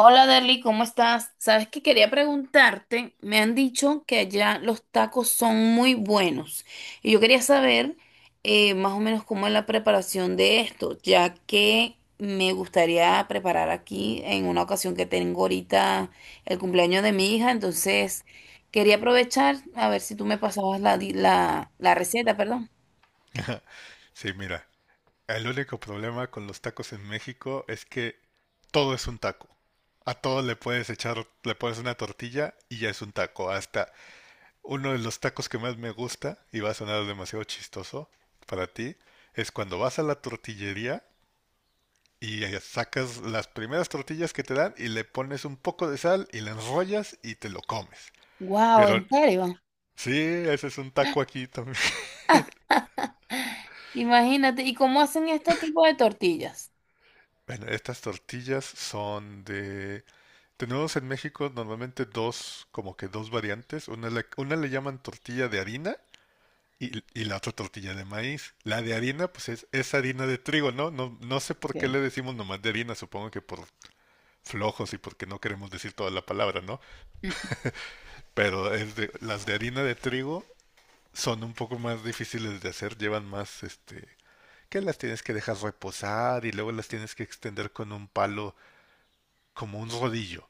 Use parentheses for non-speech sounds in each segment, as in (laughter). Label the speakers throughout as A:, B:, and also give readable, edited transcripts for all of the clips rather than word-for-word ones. A: Hola Derly, ¿cómo estás? Sabes que quería preguntarte, me han dicho que allá los tacos son muy buenos y yo quería saber más o menos cómo es la preparación de esto, ya que me gustaría preparar aquí en una ocasión que tengo ahorita el cumpleaños de mi hija, entonces quería aprovechar a ver si tú me pasabas la, la, la receta, perdón.
B: (laughs) Sí, mira, el único problema con los tacos en México es que todo es un taco. A todo le puedes echar, le pones una tortilla y ya es un taco. Hasta uno de los tacos que más me gusta, y va a sonar demasiado chistoso para ti, es cuando vas a la tortillería y sacas las primeras tortillas que te dan y le pones un poco de sal y la enrollas y te lo comes.
A: Wow,
B: Pero
A: ¿en serio?
B: sí, ese es un taco aquí también. (laughs)
A: (laughs) Imagínate, ¿y cómo hacen este tipo de tortillas?
B: Bueno, estas tortillas son de. Tenemos en México normalmente dos, como que dos variantes. Una le llaman tortilla de harina y la otra tortilla de maíz. La de harina, pues es harina de trigo, ¿no? ¿No? No sé por qué le decimos nomás de harina, supongo que por flojos y porque no queremos decir toda la palabra, ¿no?
A: Ok.
B: Pero las de harina de trigo son un poco más difíciles de hacer, llevan más, este, que las tienes que dejar reposar y luego las tienes que extender con un palo, como un rodillo.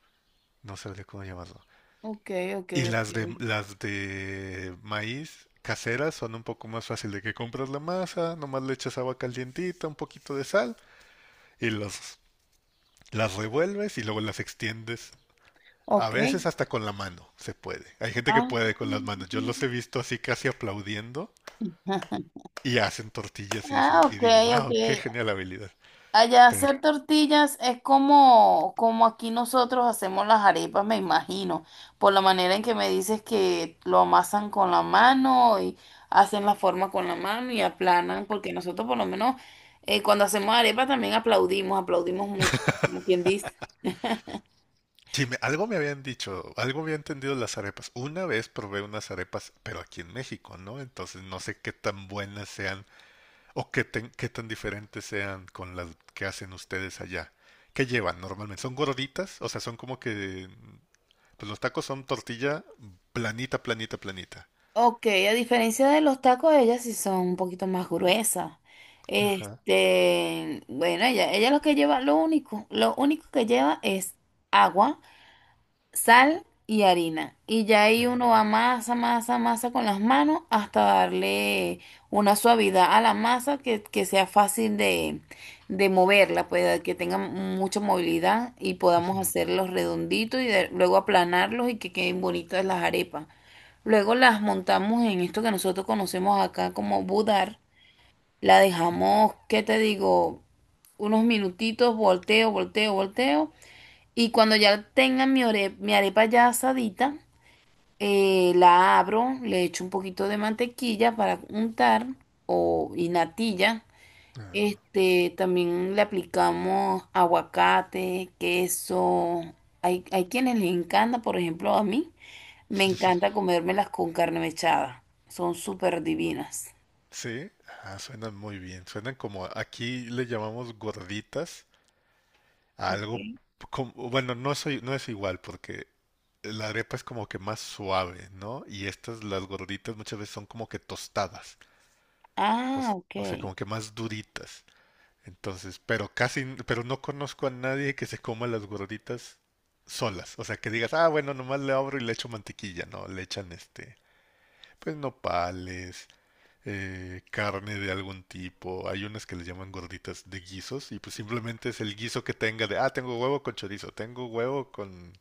B: No sabría cómo llamarlo.
A: Ok, ok,
B: Y
A: ok.
B: las de maíz caseras son un poco más fácil de que compras la masa, nomás le echas agua calientita, un poquito de sal y los, las revuelves y luego las extiendes. A
A: Ok.
B: veces hasta con la mano se puede. Hay gente que
A: Ah,
B: puede con las manos. Yo los
A: mm.
B: he visto así casi aplaudiendo
A: (laughs)
B: y hacen tortillas y
A: Ah, ok,
B: digo,
A: ok.
B: wow, qué genial habilidad.
A: Allá
B: Pero
A: hacer tortillas es como, como aquí nosotros hacemos las arepas, me imagino, por la manera en que me dices que lo amasan con la mano y hacen la forma con la mano y aplanan, porque nosotros por lo menos cuando hacemos arepas también aplaudimos, aplaudimos mucho, como quien dice.
B: sí, algo me habían dicho, algo había entendido de las arepas. Una vez probé unas arepas, pero aquí en México, ¿no? Entonces no sé qué tan buenas sean. ¿O qué tan diferentes sean con las que hacen ustedes allá? ¿Qué llevan normalmente? ¿Son gorditas? O sea, son como que... Pues los tacos son tortilla planita, planita, planita.
A: Ok, a diferencia de los tacos, ellas sí son un poquito más gruesas.
B: Ajá.
A: Este, bueno, ella lo que lleva, lo único que lleva es agua, sal y harina. Y ya ahí
B: Ya.
A: uno va masa, masa, masa con las manos hasta darle una suavidad a la masa que sea fácil de moverla, pues que tenga mucha movilidad y podamos
B: Ujú.
A: hacerlos redonditos y luego aplanarlos y que queden bonitas las arepas. Luego las montamos en esto que nosotros conocemos acá como budar. La dejamos, ¿qué te digo? Unos minutitos, volteo, volteo, volteo. Y cuando ya tengan mi arepa ya asadita, la abro, le echo un poquito de mantequilla para untar o y natilla. Este, también le aplicamos aguacate, queso. Hay quienes les encanta, por ejemplo, a mí. Me encanta comérmelas con carne mechada. Son súper divinas.
B: Sí, ah, suenan muy bien. Suenan como aquí le llamamos gorditas a algo
A: Ok.
B: como, bueno, no es igual porque la arepa es como que más suave, ¿no? Y estas, las gorditas, muchas veces son como que tostadas,
A: Ah, ok.
B: o sea, como que más duritas. Entonces, pero casi, pero no conozco a nadie que se coma las gorditas solas. O sea, que digas, ah, bueno, nomás le abro y le echo mantequilla. No, le echan este, pues nopales, carne de algún tipo. Hay unas que les llaman gorditas de guisos y pues simplemente es el guiso que tenga de, ah, tengo huevo con chorizo, tengo huevo con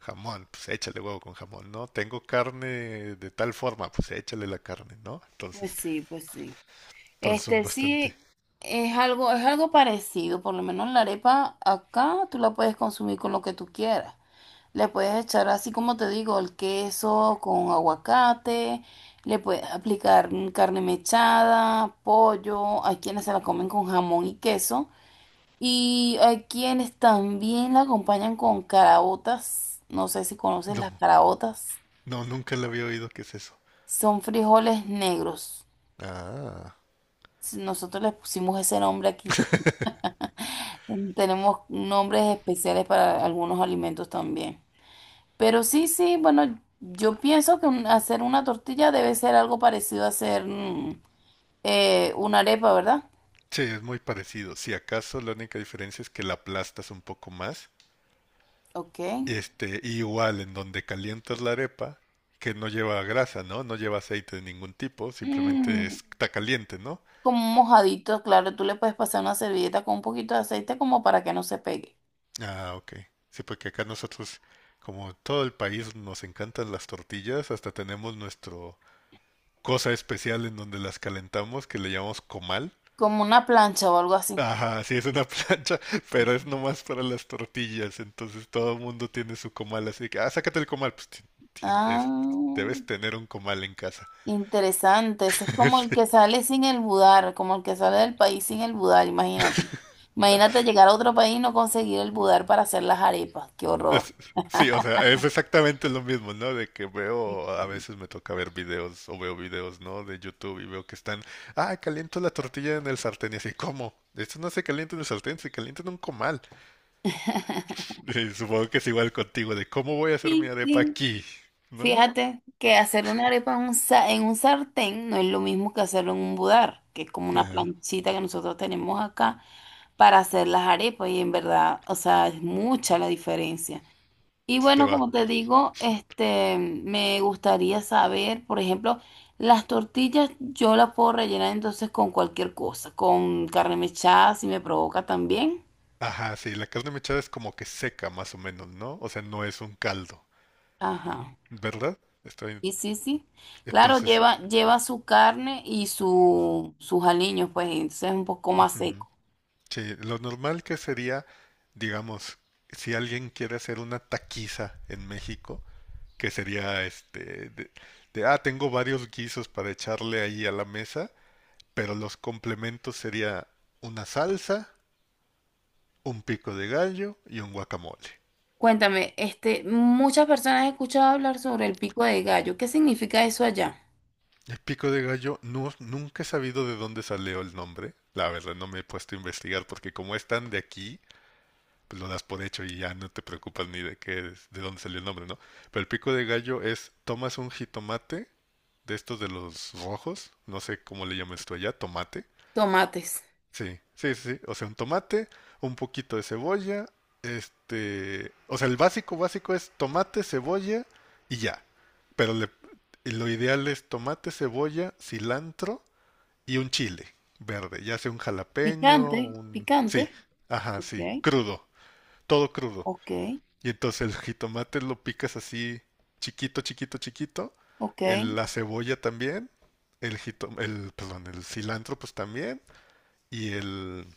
B: jamón, pues échale huevo con jamón, ¿no? Tengo carne de tal forma, pues échale la carne, ¿no? Entonces,
A: Pues sí, pues sí.
B: todos son
A: Este
B: bastante...
A: sí es algo parecido. Por lo menos la arepa acá tú la puedes consumir con lo que tú quieras. Le puedes echar así como te digo, el queso con aguacate, le puedes aplicar carne mechada, pollo. Hay quienes se la comen con jamón y queso. Y hay quienes también la acompañan con caraotas. No sé si conoces
B: No,
A: las caraotas.
B: no, nunca le había oído qué es eso.
A: Son frijoles negros.
B: Ah.
A: Si nosotros les pusimos ese nombre aquí. Mm, tenemos nombres especiales para algunos alimentos también. Pero sí, sí, bueno, yo pienso que hacer una tortilla debe ser algo parecido a hacer una arepa, ¿verdad?
B: Sí, es muy parecido. Si acaso la única diferencia es que la aplastas un poco más.
A: Ok.
B: Este, igual en donde calientas la arepa, que no lleva grasa, ¿no? No lleva aceite de ningún tipo, simplemente
A: Mm,
B: está caliente, ¿no?
A: como un mojadito, claro, tú le puedes pasar una servilleta con un poquito de aceite como para que no se pegue.
B: Ah, ok. Sí, porque acá nosotros, como todo el país, nos encantan las tortillas, hasta tenemos nuestro cosa especial en donde las calentamos que le llamamos comal.
A: Como una plancha o algo así.
B: Ajá, sí, es una plancha, (laughs) pero es
A: Ujú.
B: nomás para las tortillas, entonces todo el mundo tiene su comal, así que, ah, sácate el comal, tien-
A: Ah,
B: es- debes tener un comal en casa.
A: interesante. Ese es
B: (laughs)
A: como el
B: Sí,
A: que sale sin el budar, como el que sale del país sin el budar, imagínate. Imagínate llegar a otro país y no conseguir el budar para hacer las arepas. Qué horror.
B: es- sí, o sea, es exactamente lo mismo, ¿no? De que
A: Y-
B: veo, a
A: y-
B: veces me toca ver videos o veo videos, ¿no? De YouTube y veo que están, ah, caliento la tortilla en el sartén y así, ¿cómo? Esto no se calienta en el sartén, se calienta en un comal.
A: (laughs)
B: (laughs) Y supongo que es igual contigo, de cómo voy a hacer mi
A: Sí,
B: arepa
A: sí.
B: aquí, ¿no?
A: Fíjate que hacer una arepa en un, en un sartén no es lo mismo que hacerlo en un budar, que es como una
B: Ajá.
A: planchita que nosotros tenemos acá para hacer las arepas y en verdad, o sea, es mucha la diferencia. Y
B: Sí te
A: bueno,
B: va.
A: como te digo, este, me gustaría saber, por ejemplo, las tortillas yo las puedo rellenar entonces con cualquier cosa, con carne mechada si me provoca también.
B: Ajá, sí, la carne mechada es como que seca más o menos, ¿no? O sea, no es un caldo,
A: Ajá.
B: ¿verdad? Estoy...
A: Sí, sí, sí. Claro,
B: Entonces,
A: lleva, lleva su carne y su, sus aliños, pues entonces es un poco más
B: ujú,
A: seco.
B: sí, lo normal que sería, digamos, si alguien quiere hacer una taquiza en México, que sería este, ah, tengo varios guisos para echarle ahí a la mesa, pero los complementos sería una salsa, un pico de gallo y un guacamole.
A: Cuéntame, este, muchas personas he escuchado hablar sobre el pico de gallo. ¿Qué significa eso allá?
B: El pico de gallo, no, nunca he sabido de dónde salió el nombre. La verdad, no me he puesto a investigar porque como están de aquí, pues lo das por hecho y ya no te preocupas ni de de dónde salió el nombre, ¿no? Pero el pico de gallo es, tomas un jitomate de estos de los rojos, no sé cómo le llamas tú allá, tomate.
A: Tomates.
B: Sí, sí, sí, sí. O sea, un tomate, un poquito de cebolla, este, o sea, el básico básico es tomate, cebolla y ya. Pero lo ideal es tomate, cebolla, cilantro y un chile verde, ya sea un jalapeño,
A: Picante,
B: un... Sí,
A: picante.
B: ajá,
A: Ok,
B: sí, crudo, todo crudo.
A: ok,
B: Y entonces el jitomate lo picas así chiquito, chiquito, chiquito,
A: ok.
B: la cebolla también, perdón, el cilantro pues también, y el...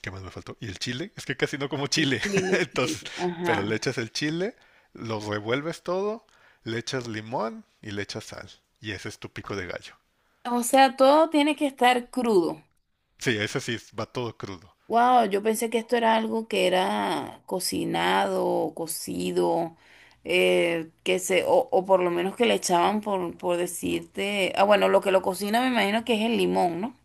B: ¿Qué más me faltó? Y el chile, es que casi no como
A: El
B: chile,
A: chile,
B: (laughs)
A: el
B: entonces,
A: chile,
B: pero le
A: ajá.
B: echas el chile, lo revuelves todo, le echas limón y le echas sal, y ese es tu pico de gallo.
A: O sea, todo tiene que estar crudo.
B: Sí, ese sí, va todo crudo.
A: Wow, yo pensé que esto era algo que era cocinado o cocido, que se, o por lo menos que le echaban por decirte. Ah, bueno, lo que lo cocina me imagino que es el limón, ¿no?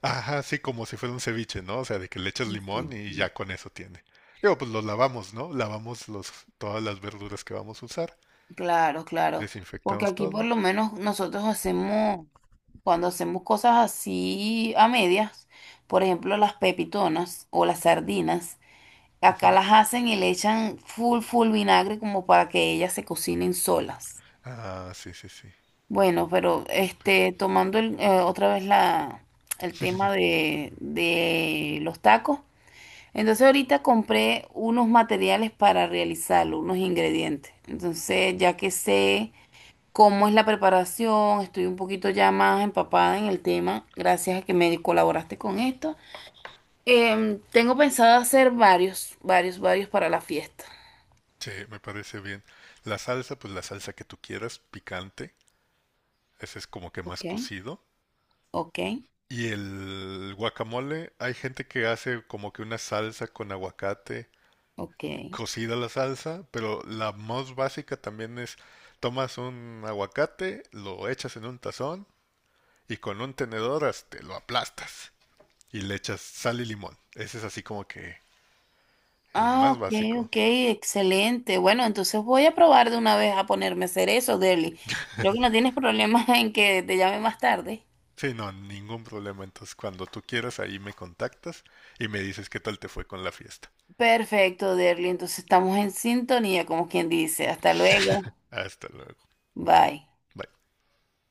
B: Ajá, sí, como si fuera un ceviche, ¿no? O sea, de que le echas
A: Sí,
B: limón
A: sí,
B: y
A: sí.
B: ya con eso tiene. Digo, pues los lavamos, ¿no? Todas las verduras que vamos a usar.
A: Claro, claro. Porque
B: Desinfectamos
A: aquí por
B: todo.
A: lo menos nosotros hacemos, cuando hacemos cosas así a medias, por ejemplo, las pepitonas o las sardinas. Acá
B: Ujú.
A: las hacen y le echan full, full vinagre como para que ellas se cocinen solas.
B: Ah, sí, sí, sí.
A: Bueno, pero este, tomando otra vez el tema
B: (laughs)
A: de los tacos. Entonces ahorita compré unos materiales para realizarlo, unos ingredientes. Entonces ya que sé cómo es la preparación, estoy un poquito ya más empapada en el tema, gracias a que me colaboraste con esto. Tengo pensado hacer varios, varios, varios para la fiesta.
B: Sí, me parece bien. La salsa, pues la salsa que tú quieras, picante. Ese es como que
A: Ok.
B: más cocido.
A: Ok,
B: Y el guacamole, hay gente que hace como que una salsa con aguacate
A: ok.
B: cocida la salsa, pero la más básica también es tomas un aguacate, lo echas en un tazón y con un tenedor hasta lo aplastas y le echas sal y limón. Ese es así como que el
A: Ah,
B: más
A: ok,
B: básico.
A: ok, excelente. Bueno, entonces voy a probar de una vez a ponerme a hacer eso, Derly. Creo que no tienes problema (laughs) en que te llame más tarde.
B: Sí, no, ningún problema. Entonces, cuando tú quieras, ahí me contactas y me dices qué tal te fue con la fiesta.
A: Perfecto, Derly. Entonces estamos en sintonía, como quien dice. Hasta luego.
B: Hasta luego.
A: Bye.
B: Bye.